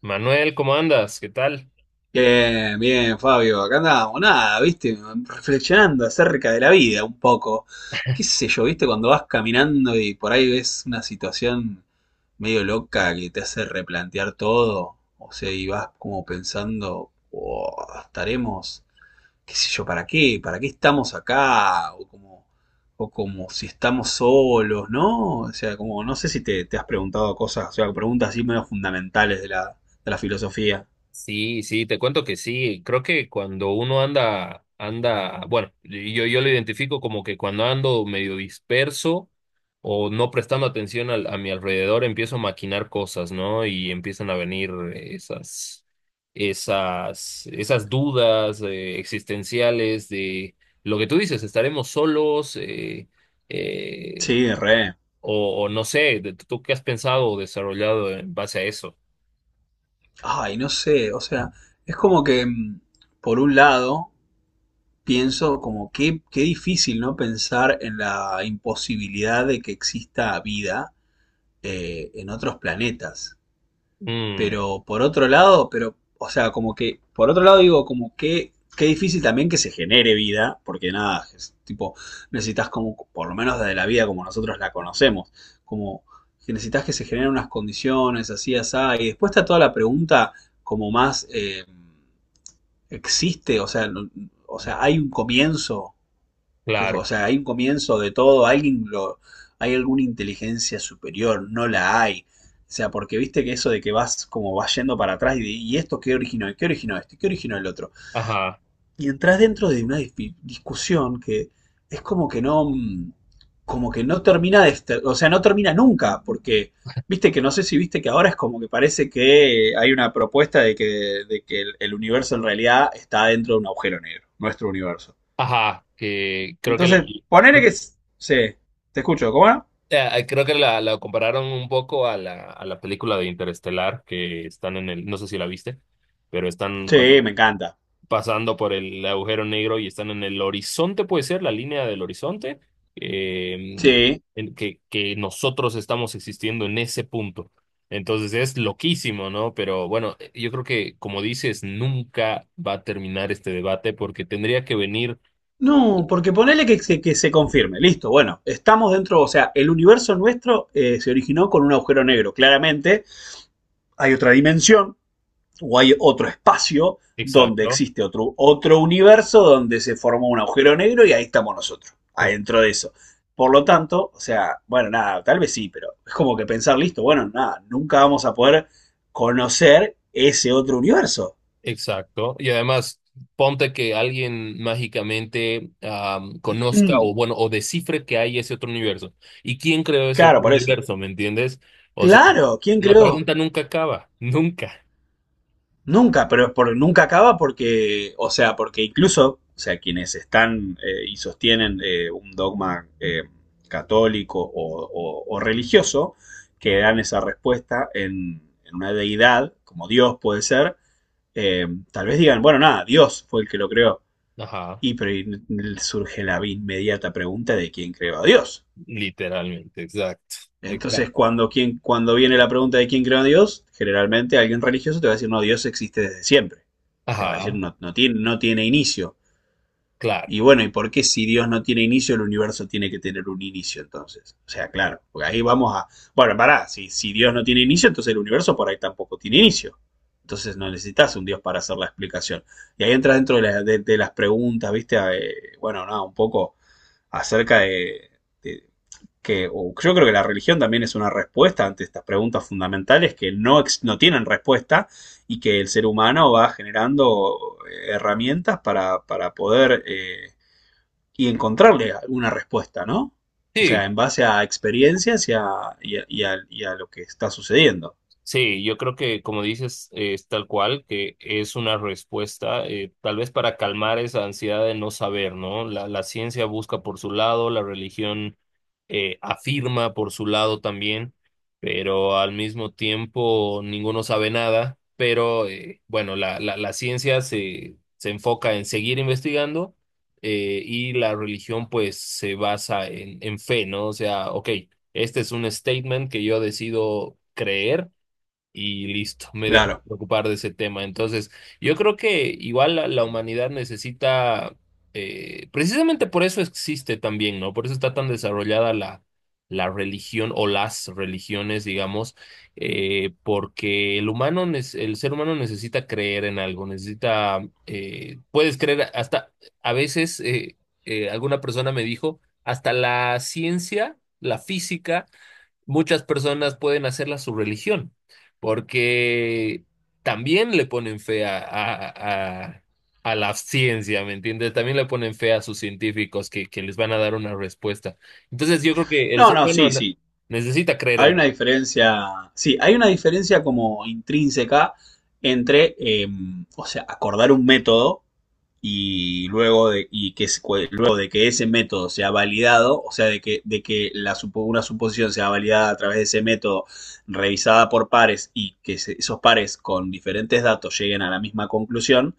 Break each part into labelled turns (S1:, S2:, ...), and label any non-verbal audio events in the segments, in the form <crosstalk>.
S1: Manuel, ¿cómo andas? ¿Qué tal?
S2: Bien, bien, Fabio. Acá andábamos, nada, viste, reflexionando acerca de la vida un poco. Qué sé yo, viste, cuando vas caminando y por ahí ves una situación medio loca que te hace replantear todo. O sea, y vas como pensando, "Oh, estaremos, qué sé yo, ¿para qué? ¿Para qué estamos acá? O como si estamos solos, ¿no? O sea, como, no sé si te has preguntado cosas, o sea, preguntas así medio fundamentales de la filosofía.
S1: Sí, sí, te cuento que sí. Creo que cuando uno anda, anda, bueno, yo lo identifico como que cuando ando medio disperso o no prestando atención a mi alrededor, empiezo a maquinar cosas, ¿no? Y empiezan a venir esas dudas existenciales de lo que tú dices. ¿Estaremos solos? Eh,
S2: Sí, re.
S1: o no sé, ¿tú qué has pensado o desarrollado en base a eso?
S2: Ay, no sé, o sea, es como que, por un lado, pienso como qué, qué difícil, ¿no? Pensar en la imposibilidad de que exista vida en otros planetas.
S1: Mm.
S2: Pero por otro lado, pero, o sea, como que, por otro lado digo, como que, qué difícil también que se genere vida, porque nada, es tipo, necesitas como, por lo menos desde la vida como nosotros la conocemos, como que necesitas que se generen unas condiciones así, así, y después está toda la pregunta como más, ¿existe? O sea, o sea, ¿hay un comienzo? Que,
S1: Claro,
S2: o sea, hay un comienzo de todo, alguien lo, hay alguna inteligencia superior, no la hay. O sea, porque viste que eso de que vas como vas yendo para atrás y, y esto qué originó esto, qué originó el otro.
S1: ajá,
S2: Y entras dentro de una discusión que es como que no, como que no termina de, o sea, no termina nunca, porque viste que no sé si viste que ahora es como que parece que hay una propuesta de que el universo en realidad está dentro de un agujero negro, nuestro universo.
S1: ajá, que creo que
S2: Entonces, ponele que. Sí, te escucho, ¿cómo era?
S1: creo que la compararon un poco a a la película de Interestelar, que están en el, no sé si la viste, pero están
S2: Sí,
S1: cuando,
S2: me encanta.
S1: pasando por el agujero negro y están en el horizonte, puede ser, la línea del horizonte, eh,
S2: Sí.
S1: en que nosotros estamos existiendo en ese punto. Entonces es loquísimo, ¿no? Pero bueno, yo creo que, como dices, nunca va a terminar este debate porque tendría que venir,
S2: No, porque ponele que, que se confirme. Listo, bueno, estamos dentro, o sea, el universo nuestro se originó con un agujero negro. Claramente hay otra dimensión o hay otro espacio donde
S1: exacto.
S2: existe otro universo donde se formó un agujero negro y ahí estamos nosotros, adentro de eso. Por lo tanto, o sea, bueno, nada, tal vez sí, pero es como que pensar, listo, bueno, nada, nunca vamos a poder conocer ese otro universo.
S1: Exacto. Y además, ponte que alguien mágicamente conozca o
S2: Mm,
S1: bueno, o descifre que hay ese otro universo. ¿Y quién creó ese
S2: claro,
S1: otro
S2: por eso.
S1: universo? ¿Me entiendes? O sea,
S2: Claro, ¿quién
S1: la
S2: creó?
S1: pregunta nunca acaba, <laughs> nunca.
S2: Nunca, pero es por, nunca acaba porque, o sea, porque incluso, o sea, quienes están y sostienen un dogma católico o, o religioso, que dan esa respuesta en una deidad, como Dios puede ser, eh, tal vez digan, bueno, nada, Dios fue el que lo creó.
S1: Ajá,
S2: Y pero y surge la inmediata pregunta de quién creó a Dios.
S1: literalmente, exacto. Exacto.
S2: Entonces, cuando, quien, cuando viene la pregunta de quién creó a Dios, generalmente alguien religioso te va a decir, no, Dios existe desde siempre. Te va a decir,
S1: Ajá,
S2: no, no, tiene, no tiene inicio.
S1: claro.
S2: Y bueno, ¿y por qué si Dios no tiene inicio, el universo tiene que tener un inicio entonces? O sea, claro, porque ahí vamos a... Bueno, pará, si, si Dios no tiene inicio, entonces el universo por ahí tampoco tiene inicio. Entonces no necesitas un Dios para hacer la explicación. Y ahí entras dentro de las preguntas, ¿viste? Bueno, nada, no, un poco acerca de, que o yo creo que la religión también es una respuesta ante estas preguntas fundamentales que no, no tienen respuesta y que el ser humano va generando herramientas para poder y encontrarle alguna respuesta, ¿no? O
S1: Sí.
S2: sea, en base a experiencias y a, y a lo que está sucediendo.
S1: Sí, yo creo que como dices, es tal cual, que es una respuesta, tal vez para calmar esa ansiedad de no saber, ¿no? La ciencia busca por su lado, la religión afirma por su lado también, pero al mismo tiempo ninguno sabe nada, pero bueno, la ciencia se enfoca en seguir investigando, y la religión pues se basa en fe, ¿no? O sea, ok, este es un statement que yo decido creer y listo, me dejé de
S2: Claro.
S1: preocupar de ese tema. Entonces, yo creo que igual la humanidad necesita, precisamente por eso existe también, ¿no? Por eso está tan desarrollada la religión o las religiones, digamos, porque el humano, el ser humano necesita creer en algo, necesita, puedes creer hasta, a veces, alguna persona me dijo, hasta la ciencia, la física muchas personas pueden hacerla su religión, porque también le ponen fe a la ciencia, ¿me entiendes? También le ponen fe a sus científicos que les van a dar una respuesta. Entonces yo creo que el
S2: No,
S1: ser
S2: no,
S1: humano
S2: sí, sí.
S1: necesita creer en
S2: Hay una
S1: él.
S2: diferencia, sí, hay una diferencia como intrínseca entre, o sea, acordar un método y luego de, y que, luego de que ese método sea validado, o sea, de que la, una suposición sea validada a través de ese método, revisada por pares y que esos pares con diferentes datos lleguen a la misma conclusión,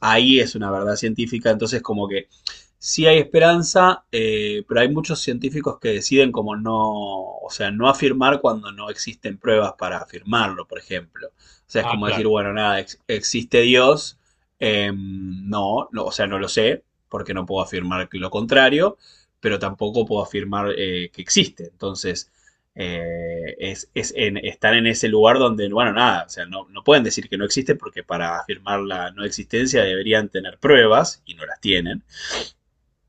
S2: ahí es una verdad científica, entonces como que sí hay esperanza, pero hay muchos científicos que deciden como no, o sea, no afirmar cuando no existen pruebas para afirmarlo, por ejemplo. O sea, es
S1: Ah,
S2: como decir,
S1: claro,
S2: bueno, nada, existe Dios, no, no, o sea, no lo sé, porque no puedo afirmar que lo contrario, pero tampoco puedo afirmar que existe. Entonces, es, están en ese lugar donde, bueno, nada, o sea, no, no pueden decir que no existe porque para afirmar la no existencia deberían tener pruebas y no las tienen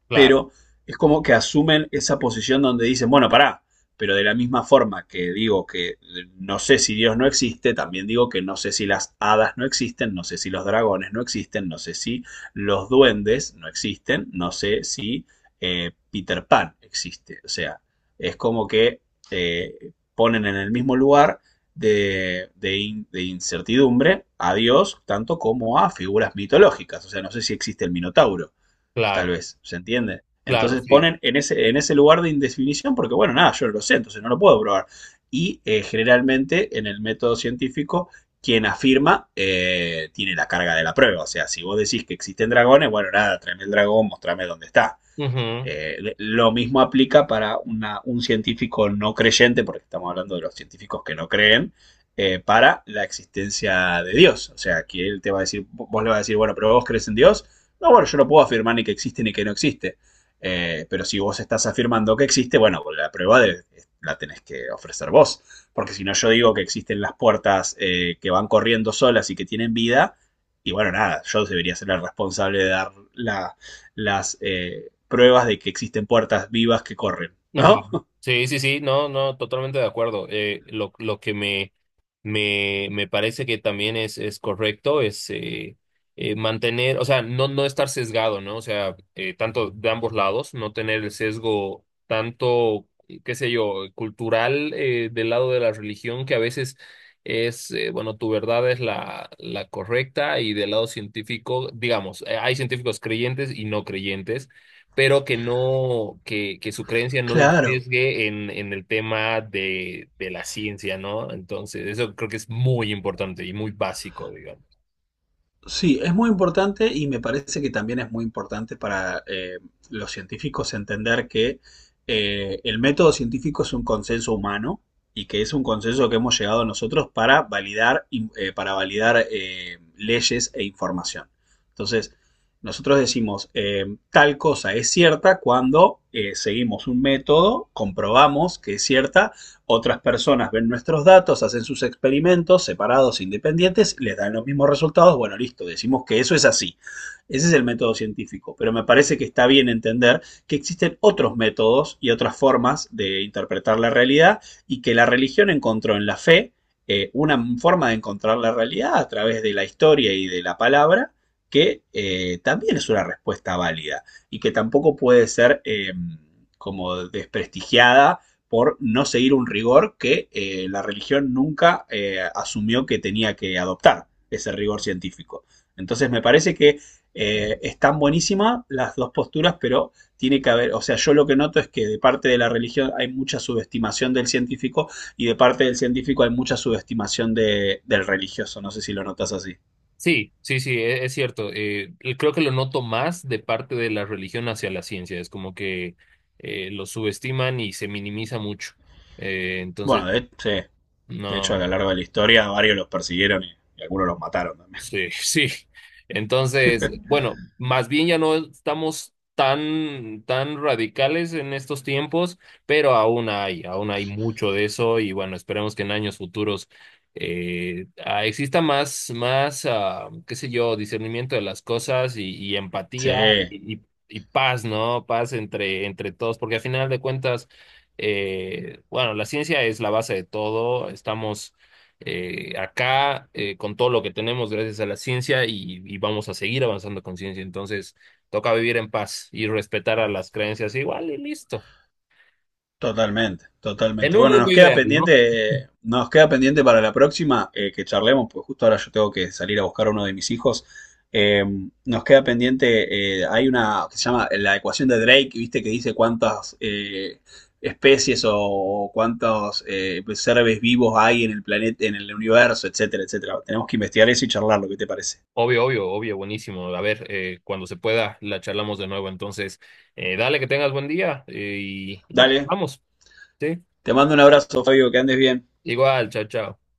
S1: claro,
S2: pero es como que asumen esa posición donde dicen, bueno, pará, pero de la misma forma que digo que no sé si Dios no existe, también digo que no sé si las hadas no existen, no sé si los dragones no existen, no sé si los duendes no existen, no sé si Peter Pan existe. O sea, es como que ponen en el mismo lugar de, de incertidumbre a Dios, tanto como a figuras mitológicas. O sea, no sé si existe el Minotauro. Tal
S1: claro,
S2: vez, ¿se entiende?
S1: claro,
S2: Entonces
S1: sí.
S2: ponen en ese lugar de indefinición porque, bueno, nada, yo no lo sé, entonces no lo puedo probar. Y generalmente en el método científico, quien afirma tiene la carga de la prueba. O sea, si vos decís que existen dragones, bueno, nada, tráeme el dragón, mostrame dónde está. Lo mismo aplica para un científico no creyente, porque estamos hablando de los científicos que no creen, para la existencia de Dios. O sea, que él te va a decir, vos le vas a decir, bueno, pero vos crees en Dios. No, bueno, yo no puedo afirmar ni que existe ni que no existe. Pero si vos estás afirmando que existe, bueno, la tenés que ofrecer vos. Porque si no, yo digo que existen las puertas que van corriendo solas y que tienen vida. Y bueno, nada, yo debería ser el responsable de dar la, las pruebas de que existen puertas vivas que corren,
S1: Ajá.
S2: ¿no? <laughs>
S1: Sí, sí, sí, no, no, totalmente de acuerdo. Lo que me parece que también es correcto es mantener, o sea, no, no estar sesgado, ¿no? O sea, tanto de ambos lados, no tener el sesgo tanto, qué sé yo, cultural del lado de la religión, que a veces es, bueno, tu verdad es la correcta, y del lado científico, digamos, hay científicos creyentes y no creyentes, pero que no, que su creencia no lo
S2: Claro.
S1: sesgue en el tema de la ciencia, ¿no? Entonces, eso creo que es muy importante y muy básico, digamos.
S2: Sí, es muy importante y me parece que también es muy importante para los científicos entender que el método científico es un consenso humano y que es un consenso que hemos llegado nosotros para validar, para validar leyes e información. Entonces, nosotros decimos, tal cosa es cierta cuando seguimos un método, comprobamos que es cierta. Otras personas ven nuestros datos, hacen sus experimentos separados, independientes, les dan los mismos resultados. Bueno, listo, decimos que eso es así. Ese es el método científico. Pero me parece que está bien entender que existen otros métodos y otras formas de interpretar la realidad y que la religión encontró en la fe una forma de encontrar la realidad a través de la historia y de la palabra que también es una respuesta válida y que tampoco puede ser como desprestigiada por no seguir un rigor que la religión nunca asumió que tenía que adoptar, ese rigor científico. Entonces me parece que están buenísimas las dos posturas, pero tiene que haber, o sea, yo lo que noto es que de parte de la religión hay mucha subestimación del científico y de parte del científico hay mucha subestimación del religioso, no sé si lo notas así.
S1: Sí, sí, sí, es, cierto. Y creo que lo noto más de parte de la religión hacia la ciencia. Es como que lo subestiman y se minimiza mucho.
S2: Bueno,
S1: Entonces,
S2: de, sí, de hecho a lo
S1: no.
S2: largo de la historia varios los persiguieron y algunos los mataron también.
S1: Sí, <laughs> sí. Entonces, bueno, más bien ya no estamos tan, tan radicales en estos tiempos, pero aún hay mucho de eso, y bueno, esperemos que en años futuros exista más, qué sé yo, discernimiento de las cosas y
S2: Sí,
S1: empatía y y paz, ¿no? Paz entre, entre todos, porque al final de cuentas, bueno, la ciencia es la base de todo, estamos acá con todo lo que tenemos gracias a la ciencia y vamos a seguir avanzando con ciencia. Entonces, toca vivir en paz y respetar a las creencias igual y listo.
S2: totalmente,
S1: En
S2: totalmente.
S1: un
S2: Bueno,
S1: mundo ideal, ¿no?
S2: nos queda pendiente para la próxima que charlemos, pues justo ahora yo tengo que salir a buscar a uno de mis hijos. Eh, nos queda pendiente, hay una que se llama la ecuación de Drake, viste que dice cuántas especies o cuántos pues, seres vivos hay en el planeta, en el universo, etcétera, etcétera. Tenemos que investigar eso y charlarlo, ¿qué te parece?
S1: Obvio, obvio, obvio, buenísimo. A ver, cuando se pueda, la charlamos de nuevo. Entonces, dale que tengas buen día, y
S2: Dale,
S1: vamos, ¿sí?
S2: te mando un abrazo, Fabio, que andes bien.
S1: Igual, chao, chao.